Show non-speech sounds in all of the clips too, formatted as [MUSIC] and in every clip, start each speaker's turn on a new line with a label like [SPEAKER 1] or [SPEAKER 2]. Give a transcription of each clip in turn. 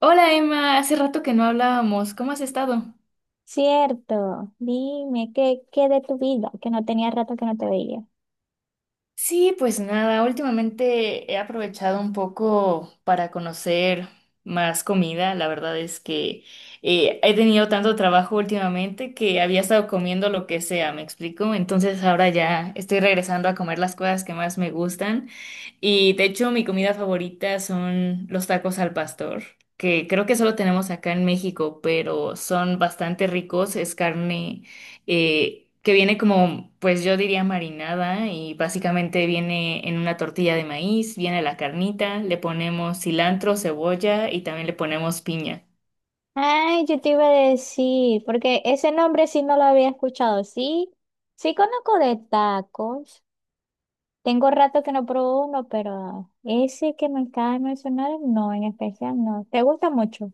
[SPEAKER 1] Hola Emma, hace rato que no hablábamos, ¿cómo has estado?
[SPEAKER 2] Cierto, dime, ¿qué de tu vida? Que no tenía rato que no te veía.
[SPEAKER 1] Sí, pues nada, últimamente he aprovechado un poco para conocer más comida. La verdad es que he tenido tanto trabajo últimamente que había estado comiendo lo que sea, ¿me explico? Entonces ahora ya estoy regresando a comer las cosas que más me gustan. Y de hecho, mi comida favorita son los tacos al pastor, que creo que solo tenemos acá en México, pero son bastante ricos. Es carne que viene como, pues yo diría marinada, y básicamente viene en una tortilla de maíz, viene la carnita, le ponemos cilantro, cebolla y también le ponemos piña.
[SPEAKER 2] Ay, yo te iba a decir, porque ese nombre sí no lo había escuchado. Sí, sí conozco de tacos. Tengo rato que no pruebo uno, pero ese que me acaba de mencionar, no, en especial no. ¿Te gusta mucho?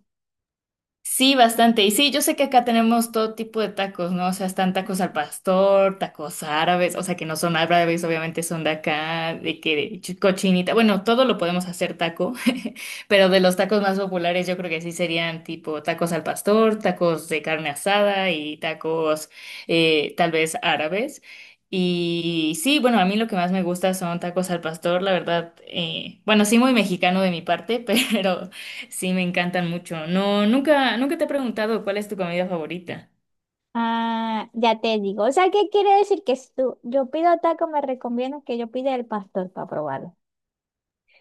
[SPEAKER 1] Sí, bastante. Y sí, yo sé que acá tenemos todo tipo de tacos, ¿no? O sea, están tacos al pastor, tacos árabes, o sea, que no son árabes, obviamente son de acá, de que cochinita. Bueno, todo lo podemos hacer taco, [LAUGHS] pero de los tacos más populares yo creo que sí serían tipo tacos al pastor, tacos de carne asada y tacos tal vez árabes. Y sí, bueno, a mí lo que más me gusta son tacos al pastor, la verdad, bueno, sí, muy mexicano de mi parte, [LAUGHS] pero sí, me encantan mucho. No, nunca, nunca te he preguntado cuál es tu comida favorita.
[SPEAKER 2] Ah, ya te digo. O sea, ¿qué quiere decir que si tú, yo pido taco, me recomiendas que yo pida el pastor para probarlo?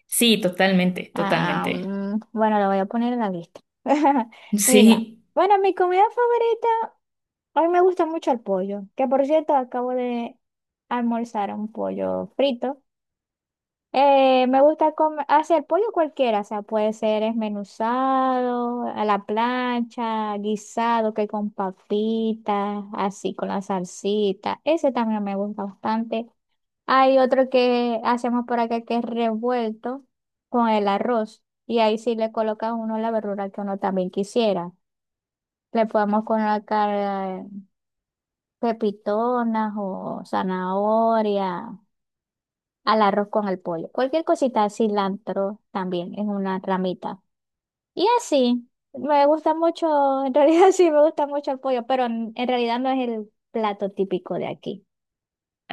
[SPEAKER 1] Sí, totalmente,
[SPEAKER 2] Ah,
[SPEAKER 1] totalmente.
[SPEAKER 2] mm, bueno, lo voy a poner en la lista. [LAUGHS]
[SPEAKER 1] [LAUGHS]
[SPEAKER 2] Mira,
[SPEAKER 1] Sí.
[SPEAKER 2] bueno, mi comida favorita, a mí me gusta mucho el pollo, que por cierto acabo de almorzar un pollo frito. Me gusta comer, hacer pollo cualquiera, o sea, puede ser esmenuzado, a la plancha, guisado, que con papitas, así con la salsita. Ese también me gusta bastante. Hay otro que hacemos por acá que es revuelto con el arroz. Y ahí sí le coloca a uno la verdura que uno también quisiera. Le podemos colocar eh, pepitonas o zanahoria al arroz con el pollo. Cualquier cosita, cilantro también es una ramita. Y así, me gusta mucho, en realidad [LAUGHS] sí me gusta mucho el pollo, pero en realidad no es el plato típico de aquí.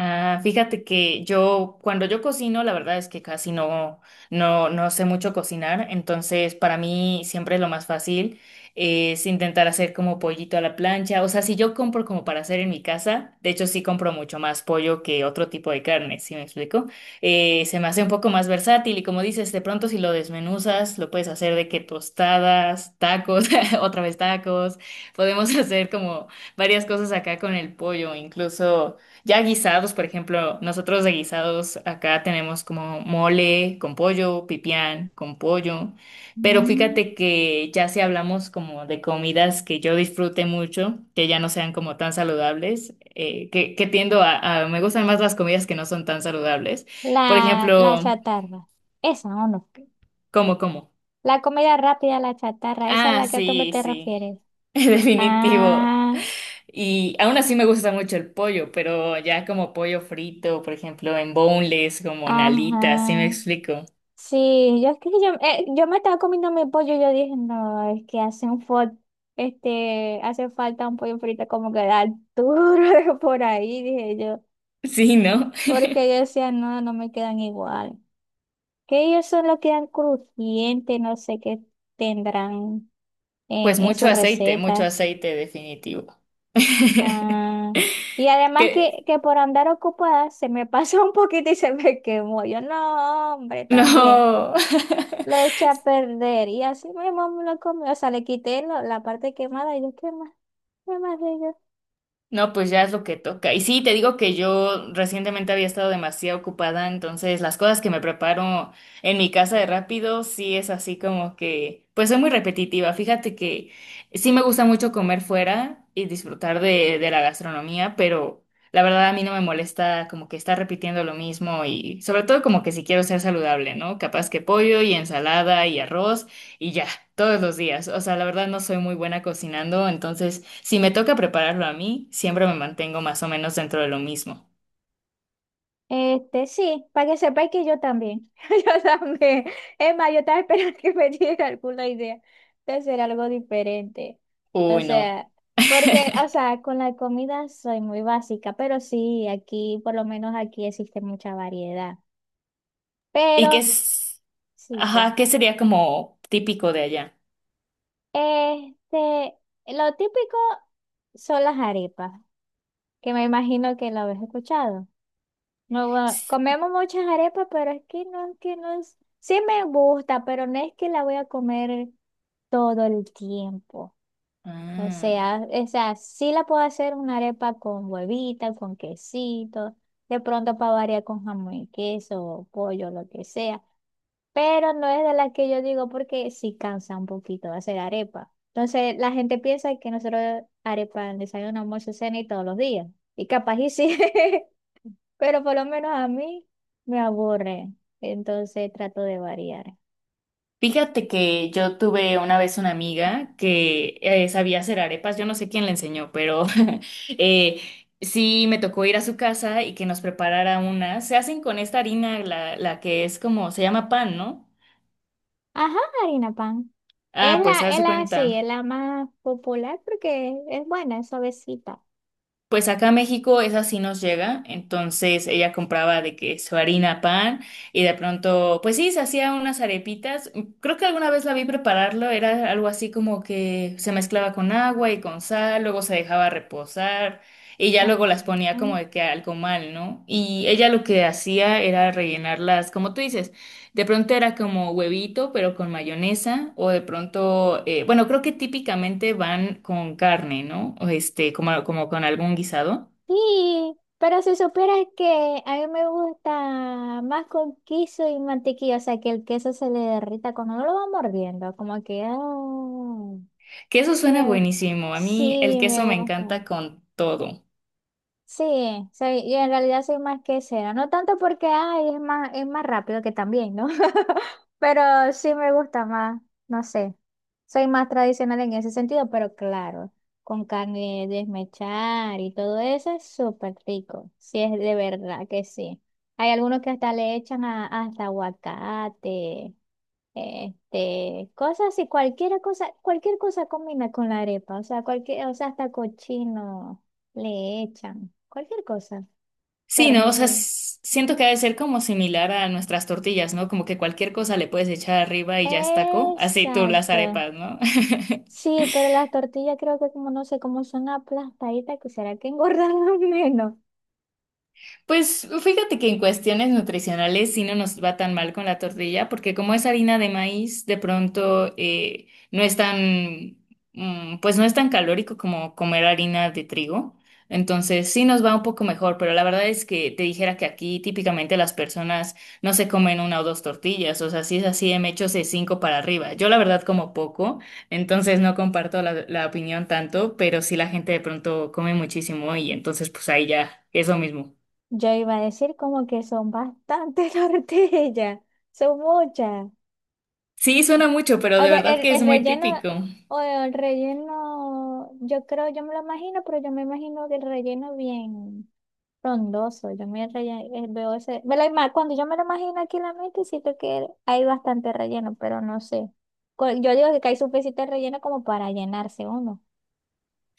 [SPEAKER 1] Ah, fíjate que yo, cuando yo cocino, la verdad es que casi no, no sé mucho cocinar, entonces para mí siempre lo más fácil es intentar hacer como pollito a la plancha. O sea, si yo compro como para hacer en mi casa, de hecho sí compro mucho más pollo que otro tipo de carne, ¿sí me explico? Se me hace un poco más versátil y como dices, de pronto si lo desmenuzas, lo puedes hacer de que tostadas, tacos, [LAUGHS] otra vez tacos, podemos [LAUGHS] hacer como varias cosas acá con el pollo, incluso... Ya guisados, por ejemplo, nosotros de guisados acá tenemos como mole con pollo, pipián con pollo, pero
[SPEAKER 2] Mm.
[SPEAKER 1] fíjate que ya si hablamos como de comidas que yo disfrute mucho, que ya no sean como tan saludables, que, tiendo a, me gustan más las comidas que no son tan saludables. Por
[SPEAKER 2] La
[SPEAKER 1] ejemplo,
[SPEAKER 2] chatarra. Esa, ¿o no?
[SPEAKER 1] ¿cómo, cómo?
[SPEAKER 2] La comida rápida, la chatarra, esa es
[SPEAKER 1] Ah,
[SPEAKER 2] la que a tú me
[SPEAKER 1] sí,
[SPEAKER 2] te
[SPEAKER 1] sí,
[SPEAKER 2] refieres.
[SPEAKER 1] [LAUGHS] definitivo.
[SPEAKER 2] Ah,
[SPEAKER 1] Y aún así me gusta mucho el pollo, pero ya como pollo frito, por ejemplo, en boneless, como en alitas, ¿sí me
[SPEAKER 2] ajá.
[SPEAKER 1] explico? [LAUGHS]
[SPEAKER 2] Sí, yo es que yo, yo me estaba comiendo mi pollo y yo dije, no, es que hace un este, hace falta un pollo frito como que da duro [LAUGHS] por ahí, dije yo.
[SPEAKER 1] Sí, ¿no?
[SPEAKER 2] Porque yo decía, no, no me quedan igual. Que ellos solo quedan crujientes, no sé qué tendrán
[SPEAKER 1] Pues
[SPEAKER 2] en su
[SPEAKER 1] mucho
[SPEAKER 2] receta.
[SPEAKER 1] aceite definitivo. [LAUGHS]
[SPEAKER 2] Ah, y además
[SPEAKER 1] Que
[SPEAKER 2] que por andar ocupada se me [LAUGHS] pasó un poquito y se me quemó. Yo, no, hombre, también.
[SPEAKER 1] no. [LAUGHS]
[SPEAKER 2] Lo eché a perder y así mi mamá me lo comió. O sea, le quité la parte quemada y yo, ¿qué más? ¿Qué más de ello?
[SPEAKER 1] No, pues ya es lo que toca. Y sí, te digo que yo recientemente había estado demasiado ocupada, entonces las cosas que me preparo en mi casa de rápido, sí es así como que, pues soy muy repetitiva. Fíjate que sí me gusta mucho comer fuera y disfrutar de, la gastronomía, pero la verdad a mí no me molesta como que estar repitiendo lo mismo, y sobre todo como que si quiero ser saludable, ¿no? Capaz que pollo y ensalada y arroz y ya, todos los días. O sea, la verdad no soy muy buena cocinando, entonces... si me toca prepararlo a mí, siempre me mantengo más o menos dentro de lo mismo.
[SPEAKER 2] Este, sí, para que sepáis que yo también. [LAUGHS] Yo también. Es más, yo estaba esperando que me diera alguna idea de hacer algo diferente. O
[SPEAKER 1] Uy, no.
[SPEAKER 2] sea, porque, o sea, con la comida soy muy básica, pero sí, aquí, por lo menos aquí existe mucha variedad.
[SPEAKER 1] ¿Y qué
[SPEAKER 2] Pero
[SPEAKER 1] es?
[SPEAKER 2] sí que.
[SPEAKER 1] Ajá, ¿qué sería como típico de allá?
[SPEAKER 2] Este, lo típico son las arepas, que me imagino que lo habéis escuchado. No, bueno,
[SPEAKER 1] S-
[SPEAKER 2] comemos muchas arepas, pero es que no, es que no es... Sí me gusta, pero no es que la voy a comer todo el tiempo. O
[SPEAKER 1] Ah,
[SPEAKER 2] sea, o sea, sí la puedo hacer una arepa con huevita, con quesito, de pronto para variar con jamón y queso, o pollo, lo que sea. Pero no es de las que yo digo porque sí cansa un poquito hacer arepa. Entonces la gente piensa que nosotros arepa en desayuno, almuerzo, cena y todos los días. Y capaz y sí. [LAUGHS] Pero por lo menos a mí me aburre, entonces trato de variar.
[SPEAKER 1] fíjate que yo tuve una vez una amiga que sabía hacer arepas, yo no sé quién le enseñó, pero [LAUGHS] eh, sí me tocó ir a su casa y que nos preparara una. Se hacen con esta harina, la que es como, se llama pan, ¿no?
[SPEAKER 2] Ajá, harina pan. Es
[SPEAKER 1] Ah, pues
[SPEAKER 2] la,
[SPEAKER 1] se
[SPEAKER 2] es
[SPEAKER 1] hace
[SPEAKER 2] la, sí, es
[SPEAKER 1] cuenta.
[SPEAKER 2] la más popular porque es buena, es suavecita.
[SPEAKER 1] Pues acá a México esa sí nos llega, entonces ella compraba de que su harina pan y de pronto, pues sí, se hacía unas arepitas. Creo que alguna vez la vi prepararlo, era algo así como que se mezclaba con agua y con sal, luego se dejaba reposar y ya luego
[SPEAKER 2] Ah,
[SPEAKER 1] las ponía como
[SPEAKER 2] ujú.
[SPEAKER 1] de que algo mal, ¿no? Y ella lo que hacía era rellenarlas, como tú dices. De pronto era como huevito, pero con mayonesa, o de pronto, bueno, creo que típicamente van con carne, ¿no? O este, como, con algún guisado.
[SPEAKER 2] Sí, pero si supieras que a mí me gusta más con queso y mantequilla, o sea, que el queso se le derrita cuando uno lo va mordiendo, como que, ah,
[SPEAKER 1] Que eso suena
[SPEAKER 2] me-
[SPEAKER 1] buenísimo. A mí el
[SPEAKER 2] sí, me
[SPEAKER 1] queso me
[SPEAKER 2] gusta.
[SPEAKER 1] encanta con todo.
[SPEAKER 2] Sí, sí, y en realidad soy más quesera. No tanto porque ay, es más rápido que también, ¿no? [LAUGHS] Pero sí me gusta más, no sé. Soy más tradicional en ese sentido, pero claro, con carne de desmechar y todo eso es súper rico. Sí, es de verdad que sí. Hay algunos que hasta le echan hasta aguacate. Este, cosas así, cualquier cosa combina con la arepa, o sea, cualquier, o sea, hasta cochino le echan, cualquier cosa,
[SPEAKER 1] Sí, ¿no? O sea,
[SPEAKER 2] pernil.
[SPEAKER 1] siento que ha de ser como similar a nuestras tortillas, ¿no? Como que cualquier cosa le puedes echar arriba y ya es taco. Así tú las
[SPEAKER 2] Exacto.
[SPEAKER 1] arepas, ¿no? [LAUGHS]
[SPEAKER 2] Sí, pero las tortillas creo que como no sé cómo son aplastaditas, que será que engordan [LAUGHS] menos.
[SPEAKER 1] Pues fíjate que en cuestiones nutricionales sí no nos va tan mal con la tortilla, porque como es harina de maíz, de pronto no es tan, mm, pues no es tan calórico como comer harina de trigo. Entonces sí nos va un poco mejor, pero la verdad es que te dijera que aquí típicamente las personas no se comen una o dos tortillas, o sea, si es así, me echo de cinco para arriba. Yo la verdad como poco, entonces no comparto la, opinión tanto, pero sí la gente de pronto come muchísimo y entonces pues ahí ya es lo mismo.
[SPEAKER 2] Yo iba a decir como que son bastantes [LAUGHS] tortillas, son muchas.
[SPEAKER 1] Sí, suena mucho, pero
[SPEAKER 2] O
[SPEAKER 1] de
[SPEAKER 2] sea,
[SPEAKER 1] verdad
[SPEAKER 2] el,
[SPEAKER 1] que es
[SPEAKER 2] el
[SPEAKER 1] muy
[SPEAKER 2] relleno,
[SPEAKER 1] típico.
[SPEAKER 2] o el relleno, yo creo, yo me lo imagino, pero yo me imagino que el relleno bien. Frondoso, veo ese, cuando yo me lo imagino aquí en la mente, siento que hay bastante relleno, pero no sé. Yo digo que hay suficiente relleno como para llenarse uno.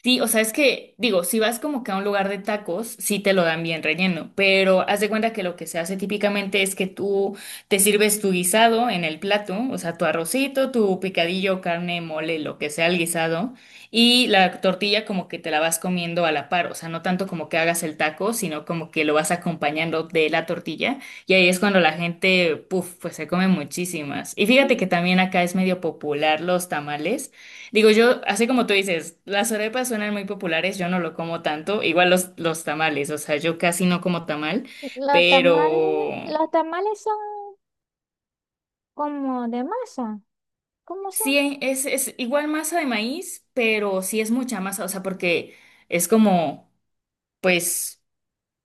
[SPEAKER 1] Sí, o sea, es que, digo, si vas como que a un lugar de tacos, sí te lo dan bien relleno, pero haz de cuenta que lo que se hace típicamente es que tú te sirves tu guisado en el plato, o sea, tu arrocito, tu picadillo, carne, mole, lo que sea el guisado, y la tortilla como que te la vas comiendo a la par, o sea, no tanto como que hagas el taco, sino como que lo vas acompañando de la tortilla, y ahí es cuando la gente, puf, pues se come muchísimas. Y fíjate que también acá es medio popular los tamales. Digo yo, así como tú dices, las arepas suenan muy populares, yo no lo como tanto, igual los, tamales, o sea, yo casi no como tamal,
[SPEAKER 2] Los tamales,
[SPEAKER 1] pero
[SPEAKER 2] los tamales son como de masa, ¿cómo son?
[SPEAKER 1] sí, es igual masa de maíz, pero sí es mucha masa, o sea, porque es como, pues,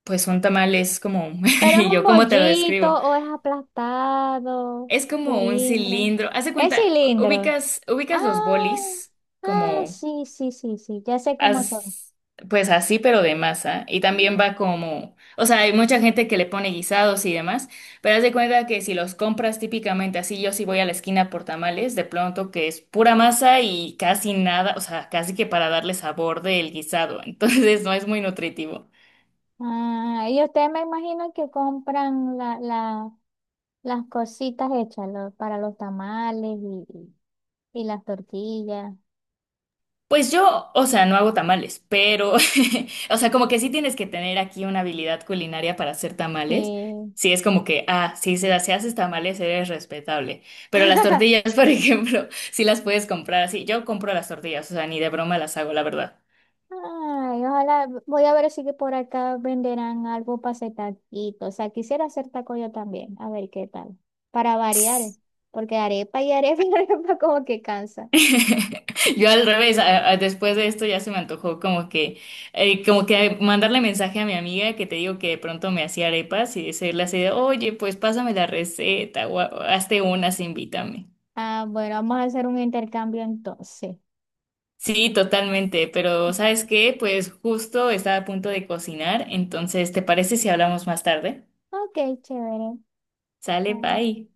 [SPEAKER 1] un tamal es como, [LAUGHS]
[SPEAKER 2] Pero ¿es
[SPEAKER 1] y
[SPEAKER 2] un
[SPEAKER 1] yo cómo te lo
[SPEAKER 2] bollito
[SPEAKER 1] describo,
[SPEAKER 2] o es aplastado,
[SPEAKER 1] es como un
[SPEAKER 2] cilindro?
[SPEAKER 1] cilindro, haz de
[SPEAKER 2] Es
[SPEAKER 1] cuenta,
[SPEAKER 2] cilindro.
[SPEAKER 1] ubicas, ubicas los
[SPEAKER 2] Ah,
[SPEAKER 1] bolis,
[SPEAKER 2] ah,
[SPEAKER 1] como...
[SPEAKER 2] sí, sí, sí, sí, ya sé cómo son.
[SPEAKER 1] as- pues así, pero de masa. Y también va como, o sea, hay mucha gente que le pone guisados y demás, pero haz de cuenta que si los compras típicamente así, yo sí voy a la esquina por tamales, de pronto que es pura masa y casi nada, o sea, casi que para darle sabor del guisado, [LAUGHS] entonces no es muy nutritivo.
[SPEAKER 2] Ah, y ustedes me imagino que compran las cositas hechas para los tamales y las tortillas.
[SPEAKER 1] Pues yo, o sea, no hago tamales, pero, [LAUGHS] o sea, como que sí tienes que tener aquí una habilidad culinaria para hacer tamales.
[SPEAKER 2] Sí.
[SPEAKER 1] Sí, es como que, ah, sí, si, si haces tamales eres respetable. Pero las
[SPEAKER 2] [LAUGHS]
[SPEAKER 1] tortillas, [LAUGHS] por ejemplo, sí las puedes comprar así. Yo compro las tortillas, o sea, ni de broma las hago, la verdad.
[SPEAKER 2] Ay, ojalá, voy a ver si que por acá venderán algo para hacer taquito. O sea, quisiera hacer taco yo también, a ver qué tal. Para variar, porque arepa y [LAUGHS] arepa como que cansa.
[SPEAKER 1] [LAUGHS] Yo al revés, después de esto ya se me antojó como que mandarle mensaje a mi amiga que te digo que de pronto me hacía arepas y decirle así de, oye, pues pásame la receta o hazte unas, invítame.
[SPEAKER 2] Ah, bueno, vamos a hacer un intercambio entonces.
[SPEAKER 1] Sí, totalmente, pero ¿sabes qué? Pues justo estaba a punto de cocinar, entonces, ¿te parece si hablamos más tarde?
[SPEAKER 2] Ok, chévere.
[SPEAKER 1] Sale,
[SPEAKER 2] Ah.
[SPEAKER 1] bye.